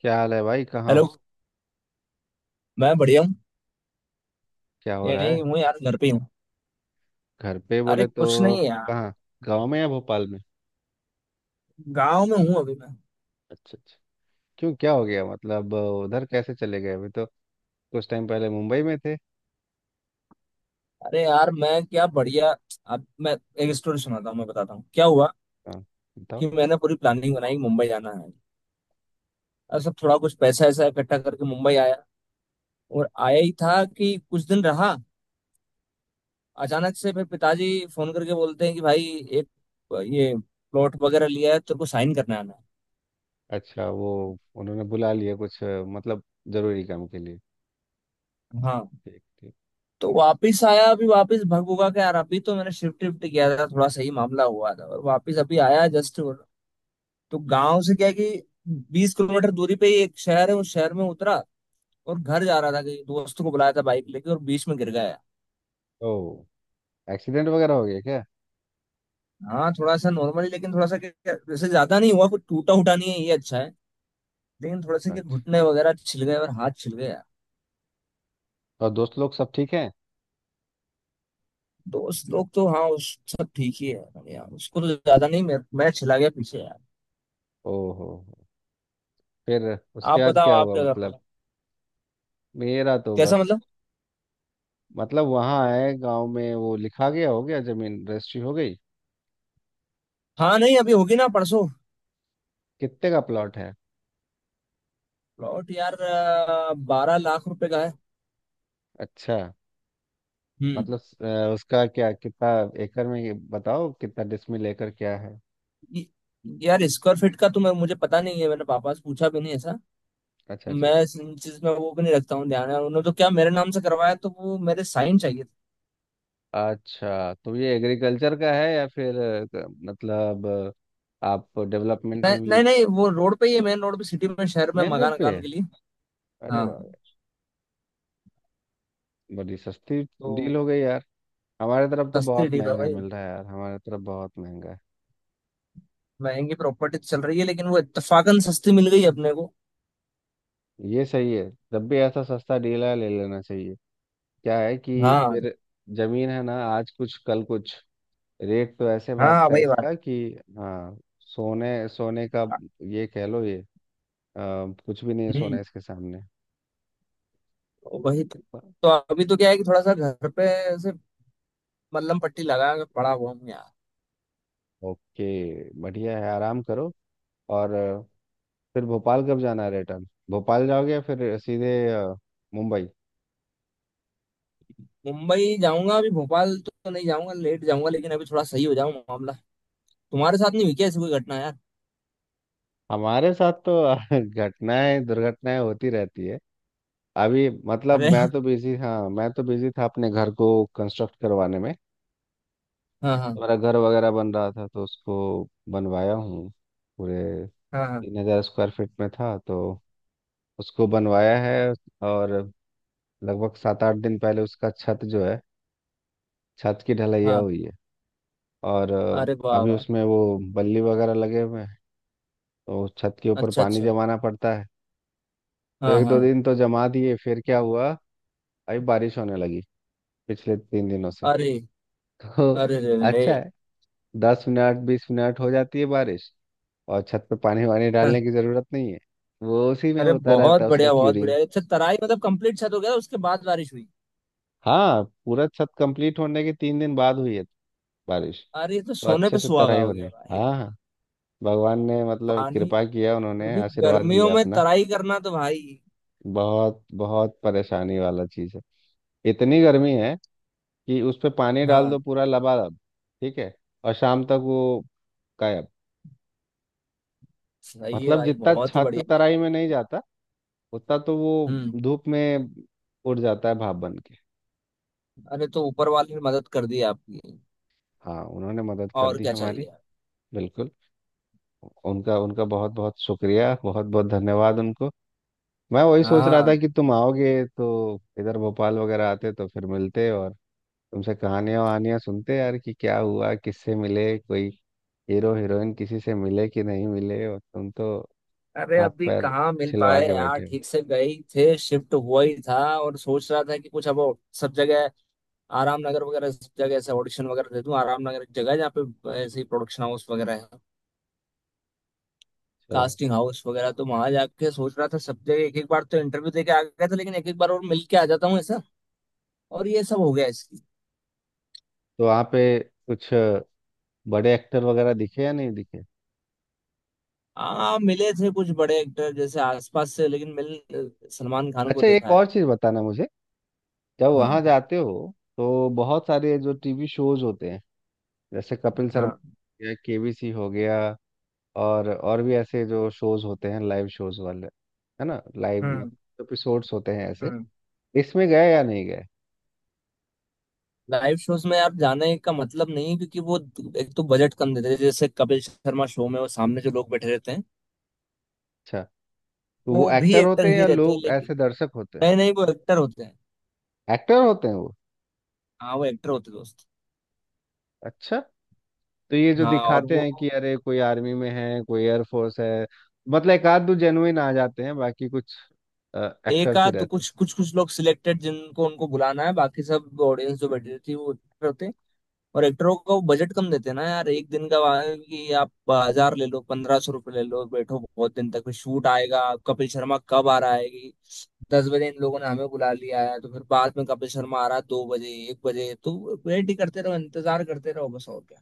क्या हाल है भाई? कहाँ हो? हेलो। मैं बढ़िया हूँ। क्या हो रहा यही है? हूँ यार, घर पे ही हूँ। घर पे अरे बोले तो? कुछ नहीं यार। कहाँ? गांव में या भोपाल में? गांव में हूँ अभी मैं। अच्छा अच्छा। क्यों, क्या हो गया? मतलब उधर कैसे चले गए? अभी तो कुछ टाइम पहले मुंबई में थे। अरे यार, मैं क्या बढ़िया। अब मैं एक स्टोरी सुनाता हूँ, मैं बताता हूँ क्या हुआ। हाँ, बताओ। कि मैंने पूरी प्लानिंग बनाई मुंबई जाना है, और सब थोड़ा कुछ पैसा ऐसा इकट्ठा करके मुंबई आया। और आया ही था कि कुछ दिन रहा, अचानक से फिर पिताजी फोन करके बोलते हैं कि भाई एक ये प्लॉट वगैरह लिया है, तेरे को साइन करने आना अच्छा, वो उन्होंने बुला लिया कुछ मतलब जरूरी काम के लिए। है। हाँ। ठीक ठीक। तो वापिस आया। अभी वापिस भग भुगा के यार, अभी तो मैंने शिफ्ट शिफ्ट किया था, थोड़ा सही मामला हुआ था, और वापिस अभी आया जस्ट। तो गांव से क्या है कि 20 किलोमीटर दूरी पे ही एक शहर है, उस शहर में उतरा। और घर जा रहा था, कहीं दोस्त को बुलाया था बाइक लेके, और बीच में गिर गया। ओ, एक्सीडेंट वगैरह हो गया क्या? हाँ, थोड़ा सा नॉर्मली, लेकिन थोड़ा सा वैसे ज्यादा नहीं हुआ, कुछ टूटा उटा नहीं है, ये अच्छा है। लेकिन थोड़ा सा क्या, अच्छा। घुटने वगैरह छिल गए और हाथ छिल गया। और दोस्त लोग सब ठीक हैं? दोस्त लोग तो हाँ, उस सब ठीक ही है यार, उसको तो ज्यादा नहीं, मैं छिला गया पीछे यार। ओहो। फिर उसके आप बाद बताओ, क्या आप हुआ क्या कर रहे मतलब? हो? मेरा तो कैसा बस। मतलब? मतलब वहाँ आए गांव में वो लिखा गया, हो गया, जमीन रजिस्ट्री हो गई। हाँ नहीं, अभी होगी ना परसों। कितने का प्लॉट है? प्लॉट यार 12 लाख रुपए का है। अच्छा। हम्म। मतलब उसका क्या, कितना? एकड़ में ये बताओ, कितना डिसमिल एकड़ क्या है? य- यार, स्क्वायर फीट का तो मैं मुझे पता नहीं है, मैंने पापा से पूछा भी नहीं ऐसा। अच्छा अच्छा मैं इस चीज में वो भी नहीं रखता हूँ ध्यान यार, उन्होंने तो क्या मेरे नाम से करवाया, तो वो मेरे साइन चाहिए थे। अच्छा अच्छा। तो ये एग्रीकल्चर का है या फिर मतलब आप डेवलपमेंट नहीं में भी? नहीं नहीं, वो रोड पे ही है, मेन रोड पे सिटी में शहर में, मेन रोड मकान पे मकान है? के लिए। अरे हाँ। वाह! बड़ी सस्ती तो डील हो गई यार। हमारे तरफ तो सस्ती बहुत ठीक है महंगा भाई, मिल रहा है यार, हमारे तरफ बहुत महंगा है। महंगी प्रॉपर्टी चल रही है लेकिन वो इत्तेफाकन सस्ती मिल गई अपने को। ये सही है। जब भी ऐसा सस्ता डील है ले लेना चाहिए। क्या है कि हाँ फिर जमीन है ना, आज कुछ कल कुछ रेट तो ऐसे हाँ भागता है भाई बात। इसका कि, हाँ, सोने सोने का ये कह लो। ये अ, कुछ भी नहीं है सोना हम्म। इसके सामने। तो वही तो। तो अभी तो क्या है कि थोड़ा सा घर पे मल्लम पट्टी लगा के पड़ा हुआ हूँ यार। ओके, बढ़िया है, आराम करो। और फिर भोपाल कब जाना है? रिटर्न भोपाल जाओगे या फिर सीधे मुंबई? मुंबई जाऊंगा, अभी भोपाल तो नहीं जाऊंगा, लेट जाऊंगा, लेकिन अभी थोड़ा सही हो जाऊं मामला। तुम्हारे साथ नहीं हुई क्या ऐसी कोई घटना यार? हमारे साथ तो घटनाएं दुर्घटनाएं होती रहती है। अभी अरे। मतलब मैं तो बिजी, हाँ, मैं तो बिजी था अपने घर को कंस्ट्रक्ट करवाने में। हाँ हाँ। मेरा घर वगैरह बन रहा था तो उसको बनवाया हूँ। पूरे हाँ हाँ 3,000 स्क्वायर फीट में था तो उसको बनवाया है। और लगभग 7 8 दिन पहले उसका छत जो है, छत की ढलैया हाँ। हुई है। और अरे वाह अभी वाह। उसमें वो बल्ली वगैरह लगे हुए हैं। तो छत के ऊपर अच्छा पानी अच्छा। जमाना पड़ता है। तो हाँ एक दो हाँ। दिन तो जमा दिए, फिर क्या हुआ, अभी बारिश होने लगी पिछले 3 दिनों से। अरे, तो अरे रे रे रे। अच्छा है। 10 मिनट 20 मिनट हो जाती है बारिश। और छत पे पानी वानी डालने की जरूरत नहीं है, वो उसी में अरे होता बहुत रहता है उसका बढ़िया बहुत क्यूरिंग। बढ़िया। अच्छा, तराई मतलब कंप्लीट छत हो गया उसके बाद बारिश हुई? हाँ, पूरा छत कंप्लीट होने के 3 दिन बाद हुई है बारिश। अरे ये तो तो सोने अच्छे पे से सुहागा तराई हो हो रही गया है, भाई। हाँ हाँ। भगवान ने मतलब पानी, कृपा किया, उन्होंने क्योंकि आशीर्वाद गर्मियों दिया में अपना। तराई करना तो भाई। बहुत बहुत परेशानी वाला चीज़ है। इतनी गर्मी है कि उस पे पानी डाल हाँ। दो पूरा लबालब, ठीक है, और शाम तक वो गायब। सही है मतलब भाई, जितना बहुत ही छत बढ़िया। तराई में नहीं जाता, उतना तो वो हम्म। धूप में उड़ जाता है भाप बन के। अरे तो ऊपर वाले ने मदद कर दी आपकी। हाँ, उन्होंने मदद कर और दी क्या हमारी। चाहिए। बिल्कुल। उनका उनका बहुत बहुत शुक्रिया, बहुत बहुत धन्यवाद उनको। मैं वही सोच रहा हाँ। था कि तुम आओगे तो इधर भोपाल वगैरह आते तो फिर मिलते, और तुमसे कहानियां वहानियां सुनते यार कि क्या हुआ, किससे मिले, कोई हीरो हीरोइन किसी से मिले कि नहीं मिले, और तुम तो अरे हाथ अभी पैर कहाँ मिल छिलवा पाए के यार, बैठे हो। ठीक से गए थे, शिफ्ट हुआ ही था और सोच रहा था कि कुछ अब सब जगह आराम नगर वगैरह सब जगह ऐसे ऑडिशन वगैरह दे दूं। आराम नगर एक जगह है जहाँ पे ऐसे ही प्रोडक्शन हाउस वगैरह है, अच्छा। कास्टिंग हाउस वगैरह। तो वहां जाके सोच रहा था सब जगह एक एक बार तो इंटरव्यू दे के आ गया था, लेकिन एक एक बार और मिल के आ जाता हूँ ऐसा, और ये सब हो गया इसकी। तो वहाँ पे कुछ बड़े एक्टर वगैरह दिखे या नहीं दिखे? हाँ मिले थे कुछ बड़े एक्टर जैसे आसपास से, लेकिन मिल सलमान खान को अच्छा, एक देखा और है। चीज़ बताना मुझे। जब हाँ वहाँ जाते हो तो बहुत सारे जो टीवी शोज होते हैं, जैसे कपिल शर्मा हाँ। हो गया, केबीसी हो गया, और भी ऐसे जो शोज होते हैं, लाइव शोज वाले, है ना? लाइव हम्म। मतलब एपिसोड्स होते हैं ऐसे। हम्म। इसमें गए या नहीं गए? लाइव शोज में आप जाने का मतलब नहीं है, क्योंकि वो, एक तो बजट कम देते हैं, जैसे कपिल शर्मा शो में वो सामने जो लोग बैठे रहते हैं, अच्छा। तो वो वो भी एक्टर एक्टर होते हैं ही या रहते हैं। लोग लेकिन ऐसे दर्शक होते हैं? नहीं नहीं, वो एक्टर होते हैं। एक्टर होते हैं वो? हाँ वो एक्टर होते हैं दोस्त। अच्छा। तो ये जो हाँ और दिखाते वो हैं कि अरे कोई आर्मी में है कोई एयरफोर्स है, मतलब एक आध दो जेनुइन आ जाते हैं, बाकी कुछ एक एक्टर्स ही आध रहते हैं। कुछ कुछ कुछ लोग सिलेक्टेड, जिनको उनको बुलाना है, बाकी सब ऑडियंस जो बैठी रहती है वो actor होते हैं। और एक्टरों को बजट कम देते हैं ना यार, एक दिन का वहाँ, कि आप 1,000 ले लो, 1,500 रुपये ले लो, बैठो बहुत दिन तक फिर शूट आएगा। कपिल शर्मा कब आ रहा है, कि 10 बजे इन लोगों ने हमें बुला लिया है, तो फिर बाद में कपिल शर्मा आ रहा है 2 बजे 1 बजे, तो वेट ही करते रहो, इंतजार करते रहो, बस और क्या।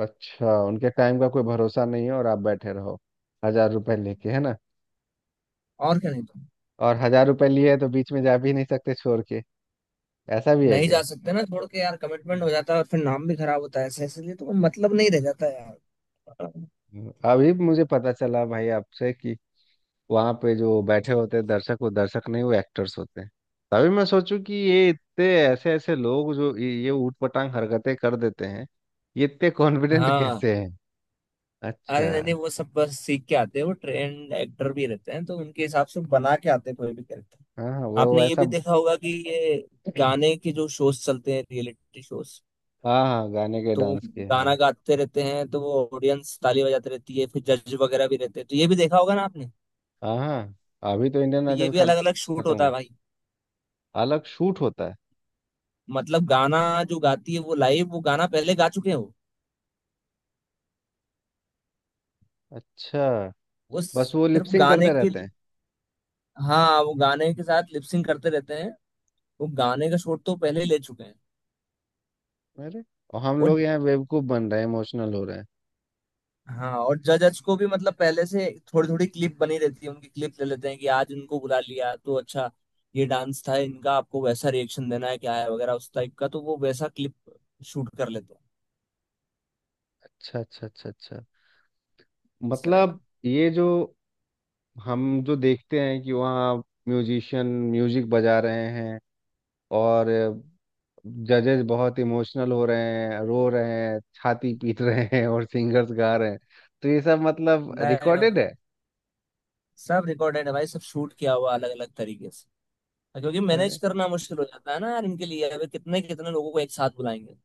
अच्छा। उनके टाइम का कोई भरोसा नहीं है और आप बैठे रहो 1,000 रुपए लेके, है ना? और क्या, नहीं तो। और 1,000 रुपए लिए हैं तो बीच में जा भी नहीं सकते छोड़ के, ऐसा भी है नहीं जा क्या? सकते ना छोड़ के यार, कमिटमेंट हम्म। हो जाता है और फिर नाम भी खराब होता है, ऐसे ऐसे लिए तो मतलब नहीं रह जाता यार। अभी मुझे पता चला भाई आपसे कि वहां पे जो बैठे होते हैं दर्शक, वो दर्शक नहीं, वो एक्टर्स होते हैं। तभी मैं सोचूं कि ये इतने ऐसे ऐसे लोग जो ये ऊटपटांग हरकतें कर देते हैं, ये इतने कॉन्फिडेंट हाँ। कैसे हैं? अरे अच्छा। नहीं नहीं, वो सब बस सीख के आते हैं, वो ट्रेंड एक्टर भी रहते हैं, तो उनके हिसाब से बना के आते हैं कोई भी कैरेक्टर। हाँ हाँ, आपने वो ये ऐसा। भी देखा होगा कि ये गाने के जो शोज चलते हैं, रियलिटी शोज, हाँ हाँ, गाने के तो वो डांस के, हाँ। गाना गाते रहते हैं, तो वो ऑडियंस ताली बजाते रहती है, फिर जज वगैरह भी रहते हैं, तो ये भी देखा होगा ना आपने। हाँ हाँ, अभी तो इंडियन तो ये आइडल भी अलग अलग शूट खत्म होता है हुआ। भाई। अलग शूट होता है? मतलब गाना जो गाती है वो लाइव, वो गाना पहले गा चुके हैं वो। अच्छा। वो बस वो सिर्फ लिपसिंग गाने करते के। रहते हैं? हाँ वो गाने के साथ लिपसिंग करते रहते हैं, वो गाने का शूट तो पहले ही ले चुके हैं। अरे! और हम और लोग यहाँ बेवकूफ बन रहे हैं, इमोशनल हो रहे हैं। हाँ, और जजज को भी मतलब पहले से थोड़ी थोड़ी क्लिप बनी रहती है, उनकी क्लिप ले लेते हैं, कि आज इनको बुला लिया तो अच्छा, ये डांस था इनका, आपको वैसा रिएक्शन देना है क्या है वगैरह उस टाइप का, तो वो वैसा क्लिप शूट कर लेते हैं, अच्छा अच्छा अच्छा अच्छा। इस तरह का। मतलब ये जो हम जो देखते हैं कि वहाँ म्यूजिशियन म्यूजिक बजा रहे हैं, और जजेस बहुत इमोशनल हो रहे हैं, रो रहे हैं, छाती पीट रहे हैं, और सिंगर्स गा रहे हैं, तो ये सब मतलब नहीं नहीं रिकॉर्डेड नहीं, है? सब रिकॉर्डेड है भाई, सब शूट किया हुआ अलग अलग तरीके से, क्योंकि मैनेज अरे! करना मुश्किल हो जाता है ना यार, इनके लिए अभी कितने कितने लोगों को एक साथ बुलाएंगे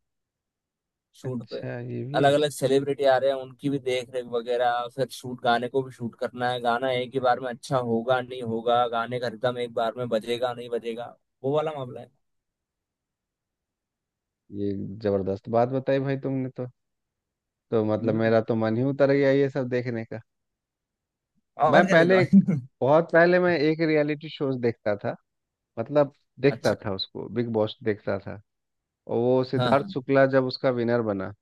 शूट पे। अच्छा, ये भी अलग है। अलग सेलिब्रिटी आ रहे हैं, उनकी भी देख रेख वगैरह, फिर शूट, गाने को भी शूट करना है, गाना एक ही बार में अच्छा होगा नहीं होगा, गाने का रिदम एक बार में बजेगा नहीं बजेगा, वो वाला मामला है। ये जबरदस्त बात बताई भाई तुमने तो मतलब हम्म। मेरा तो मन ही उतर गया ये सब देखने का। मैं और क्या, नहीं तो पहले एक- भाई। बहुत पहले मैं एक रियलिटी शोज देखता था, मतलब देखता अच्छा। था उसको, बिग बॉस देखता था। और वो हाँ सिद्धार्थ हाँ। शुक्ला जब उसका विनर बना,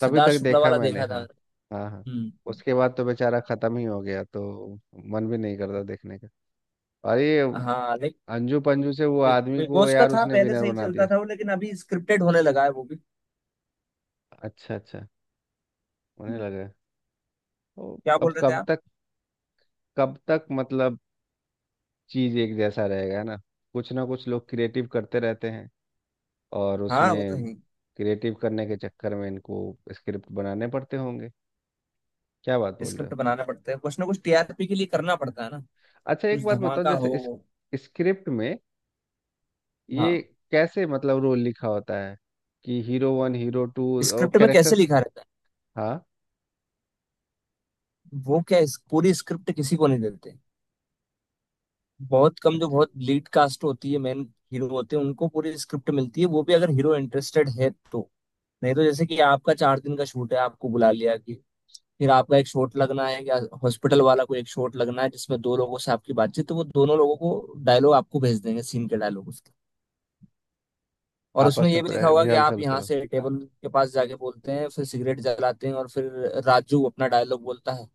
तभी सिद्धार्थ तक शुक्ला देखा वाला मैंने। देखा था। हाँ हाँ हाँ। हम्म। उसके बाद तो बेचारा खत्म ही हो गया, तो मन भी नहीं करता देखने का। और ये हाँ लेकिन अंजू पंजू से वो बिग आदमी बिग को बॉस का यार, था, उसने पहले विनर सही बना चलता दिया। था वो, लेकिन अभी स्क्रिप्टेड होने लगा है वो भी। अच्छा अच्छा, उन्हें हम्म, लगा तो। क्या बोल अब रहे थे कब आप? तक, कब तक मतलब चीज एक जैसा रहेगा ना, कुछ ना कुछ लोग क्रिएटिव करते रहते हैं, और हाँ वो उसमें तो है, क्रिएटिव करने के चक्कर में इनको स्क्रिप्ट बनाने पड़ते होंगे। क्या बात बोल रहे हो! स्क्रिप्ट बनाना पड़ता है, कुछ ना कुछ टीआरपी के लिए करना पड़ता है ना, अच्छा, एक कुछ बात बताओ, धमाका जैसे हो। इस स्क्रिप्ट में हाँ, ये कैसे मतलब रोल लिखा होता है कि हीरो 1, हीरो 2 और स्क्रिप्ट में कैरेक्टर? कैसे लिखा रहता है, हाँ, पूरी स्क्रिप्ट किसी को नहीं देते, बहुत कम, जो अच्छा। बहुत लीड कास्ट होती है, मेन हीरो होते हैं, उनको पूरी स्क्रिप्ट मिलती है, वो भी अगर हीरो इंटरेस्टेड है तो। नहीं तो जैसे कि आपका 4 दिन का शूट है, आपको बुला लिया कि फिर आपका एक शॉट लगना है, या हॉस्पिटल वाला को एक शॉट लगना है जिसमें दो लोगों से आपकी बातचीत, तो वो दोनों लोगों को डायलॉग आपको भेज देंगे, सीन के डायलॉग उसके। और उसमें आपस ये में भी लिखा होगा कि आप रिहर्सल यहाँ करो? से टेबल के पास जाके बोलते हैं, फिर सिगरेट जलाते हैं, और फिर राजू अपना डायलॉग बोलता है,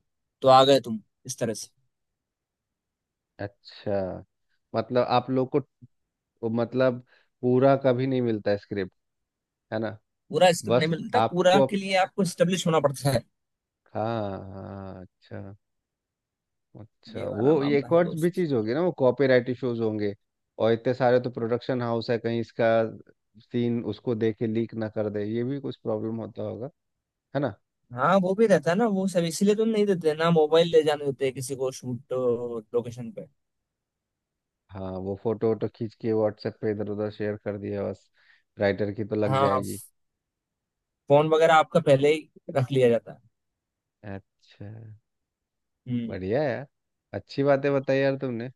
तो आ गए तुम, इस तरह से। अच्छा, मतलब आप लोग को मतलब पूरा कभी नहीं मिलता स्क्रिप्ट, है ना? पूरा स्क्रिप्ट नहीं बस मिलता, मतलब पूरा आपको। के लिए आपको स्टेब्लिश होना पड़ता है, हाँ हाँ, अच्छा। अच्छा, ये वाला वो ये मामला एक है और भी दोस्त। चीज होगी ना, वो कॉपीराइट इश्यूज होंगे। और इतने सारे तो प्रोडक्शन हाउस है, कहीं इसका सीन उसको दे के लीक ना कर दे, ये भी कुछ प्रॉब्लम होता होगा, है ना? हाँ वो भी रहता है ना वो सब, इसीलिए तो नहीं देते ना, मोबाइल ले जाने देते हैं किसी को शूट लोकेशन पे। हाँ, वो फोटो वोटो खींच के व्हाट्सएप पे इधर उधर शेयर कर दिया बस, राइटर की तो लग हाँ जाएगी। फोन वगैरह आपका पहले ही रख लिया जाता है। अच्छा, हम्म। बढ़िया यार। अच्छी बातें बताई यार तुमने।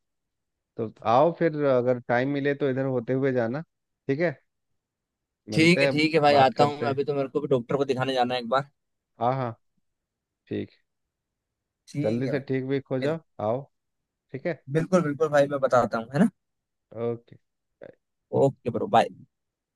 तो आओ फिर, अगर टाइम मिले तो इधर होते हुए जाना। ठीक है, मिलते हैं। ठीक है भाई, बात आता हूँ करते मैं, हैं। अभी तो मेरे को भी डॉक्टर को दिखाने जाना है एक बार। हाँ हाँ, ठीक। ठीक जल्दी है से भाई। ठीक भी हो बिल- जाओ, आओ। ठीक है। बिल्कुल बिल्कुल भाई, मैं बताता हूँ है ना। ओके। Okay bro bye.